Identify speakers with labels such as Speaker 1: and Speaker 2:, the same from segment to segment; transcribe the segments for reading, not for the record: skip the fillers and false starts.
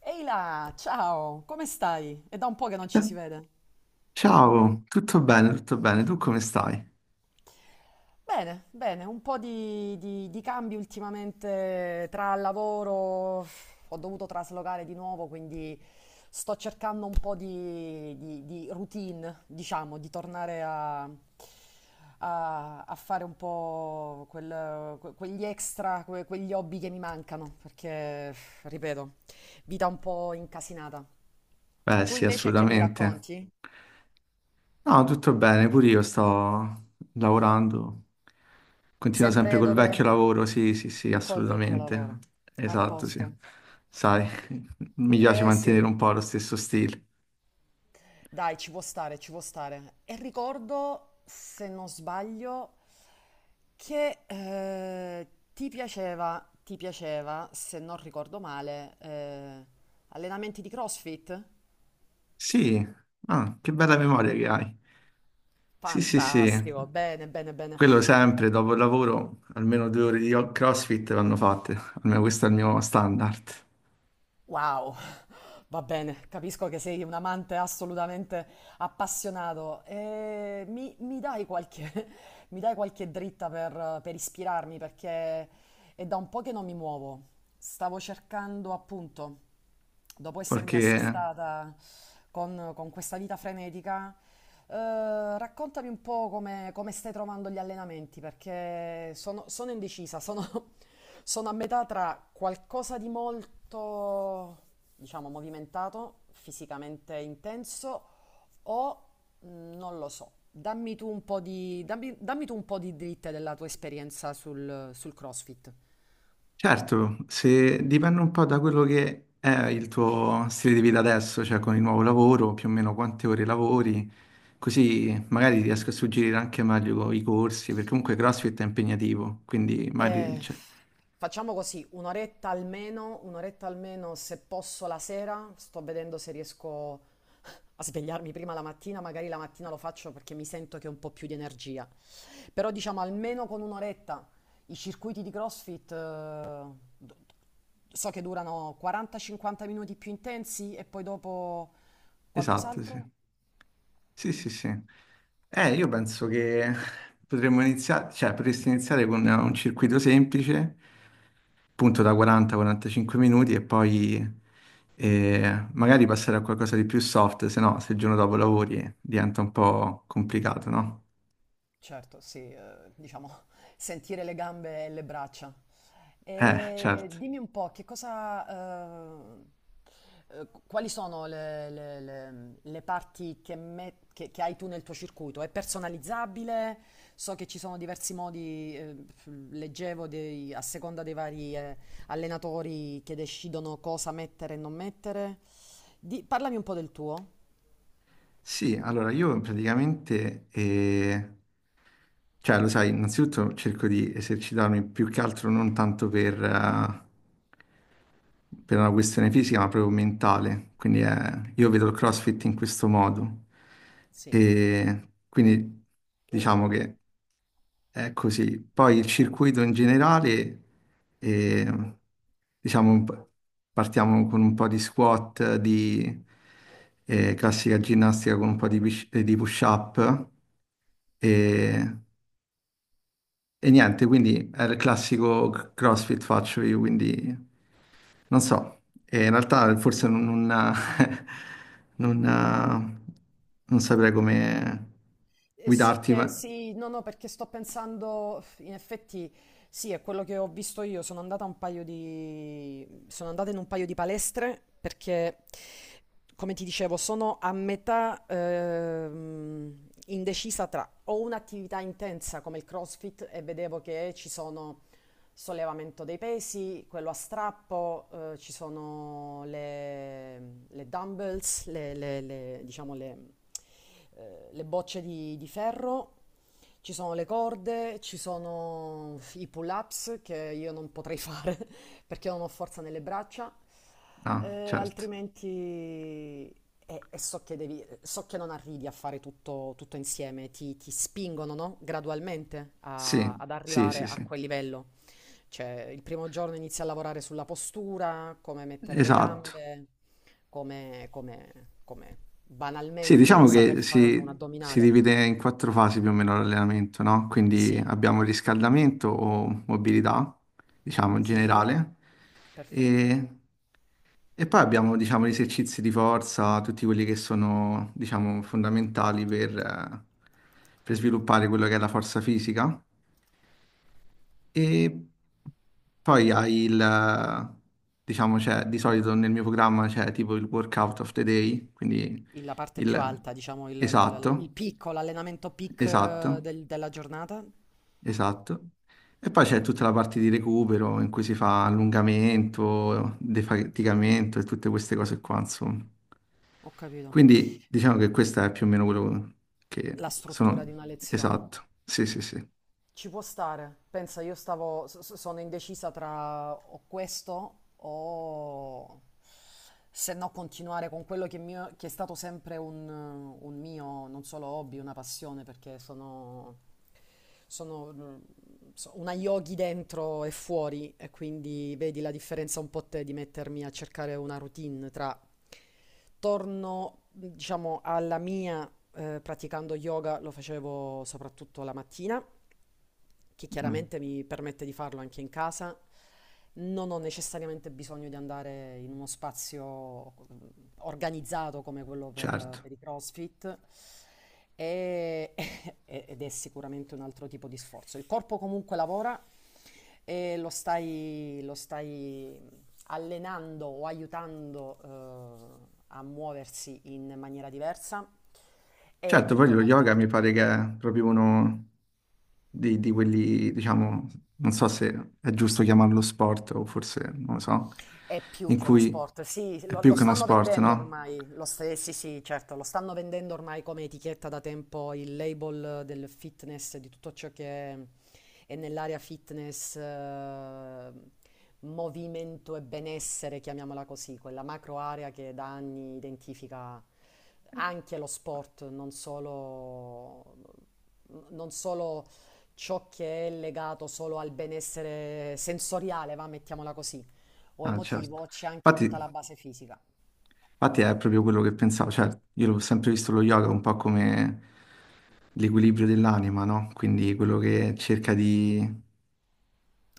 Speaker 1: Ehi là, ciao, come stai? È da un po' che non ci si
Speaker 2: Eh,
Speaker 1: vede.
Speaker 2: ciao, tutto bene, tutto bene. Tu come stai?
Speaker 1: Bene, bene, un po' di cambi ultimamente tra lavoro, ho dovuto traslocare di nuovo, quindi sto cercando un po' di routine, diciamo, di tornare a fare un po' quegli extra, quegli hobby che mi mancano, perché, ripeto, vita un po' incasinata.
Speaker 2: Beh,
Speaker 1: Tu
Speaker 2: sì,
Speaker 1: invece che mi
Speaker 2: assolutamente.
Speaker 1: racconti?
Speaker 2: No, tutto bene, pure io sto lavorando. Continuo sempre
Speaker 1: Sempre
Speaker 2: col vecchio
Speaker 1: dove?
Speaker 2: lavoro, sì, sì, sì,
Speaker 1: Col vecchio
Speaker 2: assolutamente.
Speaker 1: lavoro. A
Speaker 2: Esatto, sì.
Speaker 1: posto.
Speaker 2: Sai, mi piace
Speaker 1: Eh
Speaker 2: mantenere
Speaker 1: sì,
Speaker 2: un po' lo stesso stile.
Speaker 1: dai, ci può stare, ci può stare. E ricordo, se non sbaglio, che ti piaceva, se non ricordo male, allenamenti di CrossFit?
Speaker 2: Sì, ah, che bella memoria che hai. Sì, sì, sì,
Speaker 1: Fantastico, bene, bene, bene.
Speaker 2: quello sempre dopo il lavoro, almeno 2 ore di CrossFit vanno fatte, almeno questo è il mio standard.
Speaker 1: Wow, va bene, capisco che sei un amante assolutamente appassionato. E mi dai qualche, mi dai qualche dritta per ispirarmi perché è da un po' che non mi muovo. Stavo cercando appunto dopo essermi
Speaker 2: Qualche.
Speaker 1: assestata con questa vita frenetica, raccontami un po' come stai trovando gli allenamenti, perché sono indecisa, sono, sono a metà tra qualcosa di molto, diciamo, movimentato, fisicamente intenso, o mm, non lo so. Dammi tu un po' di, dammi, dammi tu un po' di dritte della tua esperienza sul CrossFit.
Speaker 2: Certo, se dipende un po' da quello che è il tuo stile di vita adesso, cioè con il nuovo lavoro, più o meno quante ore lavori, così magari ti riesco a suggerire anche meglio i corsi, perché comunque CrossFit è impegnativo, quindi magari...
Speaker 1: Eh,
Speaker 2: cioè,
Speaker 1: facciamo così, un'oretta almeno se posso la sera, sto vedendo se riesco a svegliarmi prima la mattina, magari la mattina lo faccio perché mi sento che ho un po' più di energia. Però diciamo almeno con un'oretta i circuiti di CrossFit d- so che durano 40-50 minuti più intensi e poi dopo
Speaker 2: Esatto, sì.
Speaker 1: qualcos'altro.
Speaker 2: Sì, sì, sì. Io penso che potremmo iniziare, cioè potresti iniziare con un circuito semplice, appunto da 40-45 minuti e poi magari passare a qualcosa di più soft, se no se il giorno dopo lavori diventa un po' complicato, no?
Speaker 1: Certo, sì, diciamo sentire le gambe e le braccia. E
Speaker 2: Certo.
Speaker 1: dimmi un po' che cosa, ehm, quali sono le, le parti che, che hai tu nel tuo circuito? È personalizzabile? So che ci sono diversi modi, leggevo a seconda dei vari, allenatori che decidono cosa mettere e non mettere. Parlami un po' del tuo.
Speaker 2: Sì, allora io praticamente cioè, lo sai, innanzitutto cerco di esercitarmi più che altro non tanto per una questione fisica, ma proprio mentale. Quindi io vedo il CrossFit in questo modo.
Speaker 1: Sì.
Speaker 2: E quindi diciamo che è così. Poi il circuito in generale, eh, diciamo, partiamo con un po' di squat, di classica ginnastica con un po' di push-up. E e niente, quindi è il classico CrossFit faccio io, quindi non so. E in realtà forse non, non, non- non saprei come
Speaker 1: E so
Speaker 2: guidarti,
Speaker 1: che
Speaker 2: ma.
Speaker 1: sì, no, no, perché sto pensando, in effetti, sì, è quello che ho visto io. Sono andata a un paio di... sono andata in un paio di palestre perché, come ti dicevo, sono a metà indecisa tra o un'attività intensa come il CrossFit e vedevo che ci sono sollevamento dei pesi, quello a strappo, ci sono le dumbbells, le, diciamo le, le bocce di ferro. Ci sono le corde, ci sono i pull-ups che io non potrei fare perché non ho forza nelle braccia,
Speaker 2: No, certo.
Speaker 1: altrimenti e so che devi, so che non arrivi a fare tutto, tutto insieme, ti spingono, no? Gradualmente
Speaker 2: Sì,
Speaker 1: ad
Speaker 2: sì,
Speaker 1: arrivare
Speaker 2: sì,
Speaker 1: a Sì.
Speaker 2: sì.
Speaker 1: quel livello. Cioè, il primo giorno inizi a lavorare sulla postura, come mettere le
Speaker 2: Esatto.
Speaker 1: gambe, come, come
Speaker 2: Sì, diciamo
Speaker 1: banalmente saper
Speaker 2: che
Speaker 1: fare un
Speaker 2: si
Speaker 1: addominale.
Speaker 2: divide in quattro fasi più o meno l'allenamento, no? Quindi
Speaker 1: Sì,
Speaker 2: abbiamo il riscaldamento o mobilità, diciamo, in
Speaker 1: Sì,
Speaker 2: generale,
Speaker 1: perfetto.
Speaker 2: e, e poi abbiamo, diciamo, gli esercizi di forza, tutti quelli che sono, diciamo, fondamentali per sviluppare quello che è la forza fisica. E poi hai il, diciamo, c'è di solito nel mio programma c'è tipo il workout of the day, quindi
Speaker 1: La parte più
Speaker 2: il
Speaker 1: alta, diciamo, il, il
Speaker 2: esatto,
Speaker 1: picco, l'allenamento peak
Speaker 2: esatto,
Speaker 1: della giornata.
Speaker 2: esatto. E poi c'è tutta la parte di recupero in cui si fa allungamento, defaticamento e tutte queste cose qua, insomma.
Speaker 1: Ho capito.
Speaker 2: Quindi diciamo che questo è più o meno quello che
Speaker 1: La struttura di
Speaker 2: sono...
Speaker 1: una lezione.
Speaker 2: Esatto, sì, sì, sì.
Speaker 1: Ci può stare. Pensa, io stavo, sono indecisa tra o questo o se no continuare con quello che, è che è stato sempre un mio, non solo hobby, una passione, perché sono, sono mm, una yogi dentro e fuori e quindi vedi la differenza un po' te di mettermi a cercare una routine tra torno, diciamo, alla mia, praticando yoga, lo facevo soprattutto la mattina che
Speaker 2: Mm,
Speaker 1: chiaramente mi permette di farlo anche in casa. Non ho necessariamente bisogno di andare in uno spazio mm, organizzato come quello
Speaker 2: certo.
Speaker 1: per i CrossFit e- ed è sicuramente un altro tipo di sforzo. Il corpo comunque lavora e lo stai allenando o aiutando a muoversi in maniera diversa. È
Speaker 2: Certo, poi
Speaker 1: tutto un
Speaker 2: lo
Speaker 1: altro,
Speaker 2: yoga mi pare che è proprio uno di quelli, diciamo, non so se è giusto chiamarlo sport o forse, non lo so,
Speaker 1: È più
Speaker 2: in
Speaker 1: che uno
Speaker 2: cui
Speaker 1: sport, sì,
Speaker 2: è
Speaker 1: lo,
Speaker 2: più
Speaker 1: lo
Speaker 2: che uno
Speaker 1: stanno
Speaker 2: sport,
Speaker 1: vendendo
Speaker 2: no?
Speaker 1: ormai, sì, sì, certo, lo stanno vendendo ormai come etichetta da tempo il label del fitness, di tutto ciò che è nell'area fitness, movimento e benessere, chiamiamola così, quella macro area che da anni identifica anche lo sport, non solo non solo ciò che è legato solo al benessere sensoriale, va, mettiamola così, o
Speaker 2: Ah, certo.
Speaker 1: emotivo, c'è anche
Speaker 2: Infatti,
Speaker 1: tutta la base fisica.
Speaker 2: infatti è proprio quello che pensavo, cioè io l'ho sempre visto lo yoga un po' come l'equilibrio dell'anima, no? Quindi quello che cerca di.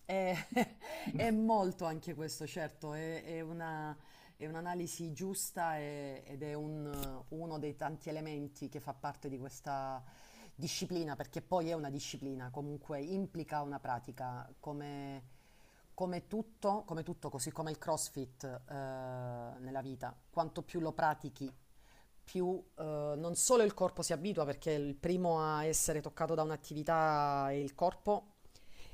Speaker 1: È, è molto anche questo, certo, è è un'analisi giusta ed è uno dei tanti elementi che fa parte di questa disciplina, perché poi è una disciplina, comunque implica una pratica, come, come tutto, così come il CrossFit, nella vita. Quanto più lo pratichi, più non solo il corpo si abitua, perché il primo a essere toccato da un'attività è il corpo,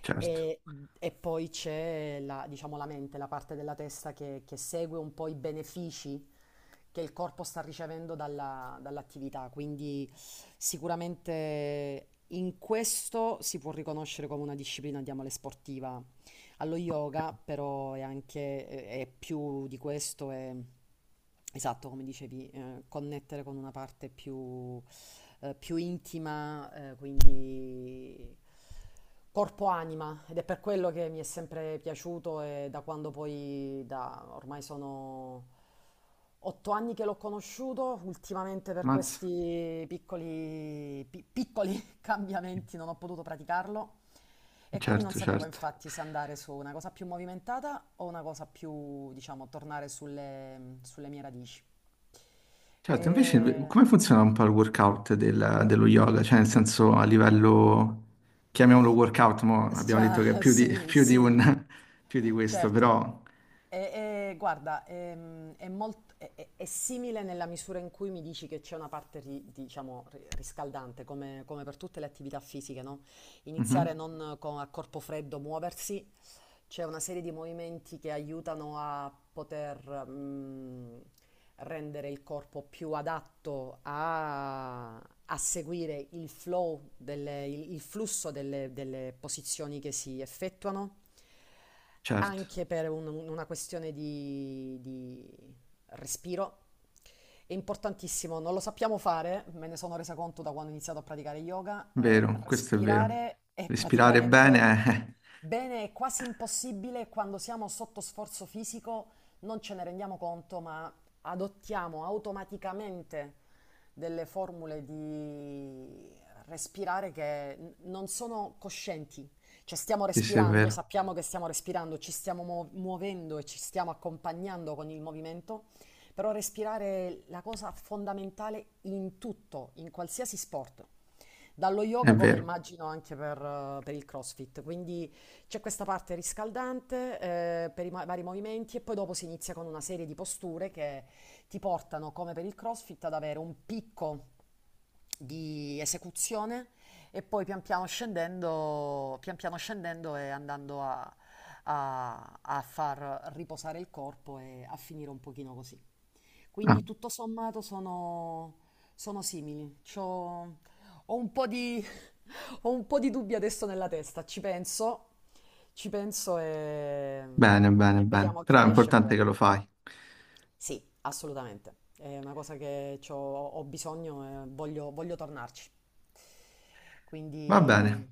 Speaker 2: Certo,
Speaker 1: e, e poi c'è la, diciamo, la mente, la parte della testa che segue un po' i benefici che il corpo sta ricevendo dall'attività. Quindi sicuramente in questo si può riconoscere come una disciplina, chiamale sportiva, allo yoga però è anche, è più di questo, è esatto, come dicevi, connettere con una parte più, più intima, quindi corpo-anima. Ed è per quello che mi è sempre piaciuto e da quando poi, da, ormai sono 8 anni che l'ho conosciuto, ultimamente per
Speaker 2: mazza,
Speaker 1: questi piccoli, piccoli cambiamenti non ho potuto praticarlo e quindi non
Speaker 2: certo,
Speaker 1: sapevo
Speaker 2: certo.
Speaker 1: infatti se andare su una cosa più movimentata o una cosa più, diciamo, tornare sulle, sulle mie radici.
Speaker 2: Certo, invece
Speaker 1: E...
Speaker 2: come funziona un po' il workout dello yoga? Cioè, nel senso, a livello, chiamiamolo workout, mo abbiamo detto che è
Speaker 1: Già,
Speaker 2: più di,
Speaker 1: sì, sì,
Speaker 2: più di questo,
Speaker 1: Certo,
Speaker 2: però.
Speaker 1: e guarda, è, è simile nella misura in cui mi dici che c'è una parte, diciamo, riscaldante, come, come per tutte le attività fisiche, no? Iniziare
Speaker 2: Mhm,
Speaker 1: non a corpo freddo, muoversi, c'è una serie di movimenti che aiutano a poter, mm, rendere il corpo più adatto a, a seguire il flow, il flusso delle delle posizioni che si effettuano
Speaker 2: certo,
Speaker 1: anche per una questione di respiro. È importantissimo, non lo sappiamo fare, me ne sono resa conto da quando ho iniziato a praticare yoga,
Speaker 2: vero, questo è vero.
Speaker 1: respirare è
Speaker 2: Respirare
Speaker 1: praticamente
Speaker 2: bene, eh,
Speaker 1: bene, è quasi impossibile quando siamo sotto sforzo fisico, non ce ne rendiamo conto, ma adottiamo automaticamente delle formule di respirare che non sono coscienti cioè stiamo
Speaker 2: sì, sì, è
Speaker 1: respirando,
Speaker 2: vero,
Speaker 1: sappiamo che stiamo respirando, ci stiamo muovendo e ci stiamo accompagnando con il movimento, però respirare è la cosa fondamentale in tutto, in qualsiasi sport. Dallo
Speaker 2: è
Speaker 1: yoga come
Speaker 2: vero.
Speaker 1: immagino anche per il CrossFit, quindi c'è questa parte riscaldante per i vari movimenti e poi dopo si inizia con una serie di posture che ti portano, come per il CrossFit, ad avere un picco di esecuzione e poi pian piano scendendo e andando a, a far riposare il corpo e a finire un pochino così.
Speaker 2: Ah,
Speaker 1: Quindi tutto sommato sono, sono simili. Ho un po' di, ho un po' di dubbi adesso nella testa, ci penso
Speaker 2: bene, bene,
Speaker 1: e
Speaker 2: bene.
Speaker 1: vediamo che
Speaker 2: Però è
Speaker 1: ne esce
Speaker 2: importante che
Speaker 1: fuori.
Speaker 2: lo fai.
Speaker 1: Sì, assolutamente. È una cosa che ho bisogno e voglio, voglio tornarci.
Speaker 2: Va bene.
Speaker 1: Quindi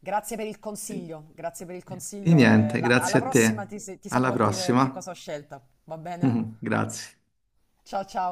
Speaker 1: grazie per il consiglio, grazie per il
Speaker 2: Di
Speaker 1: consiglglio e
Speaker 2: niente, grazie
Speaker 1: alla
Speaker 2: a
Speaker 1: prossima
Speaker 2: te.
Speaker 1: ti
Speaker 2: Alla
Speaker 1: saprò dire che
Speaker 2: prossima.
Speaker 1: cosa ho scelto. Va bene?
Speaker 2: Grazie.
Speaker 1: Ciao ciao.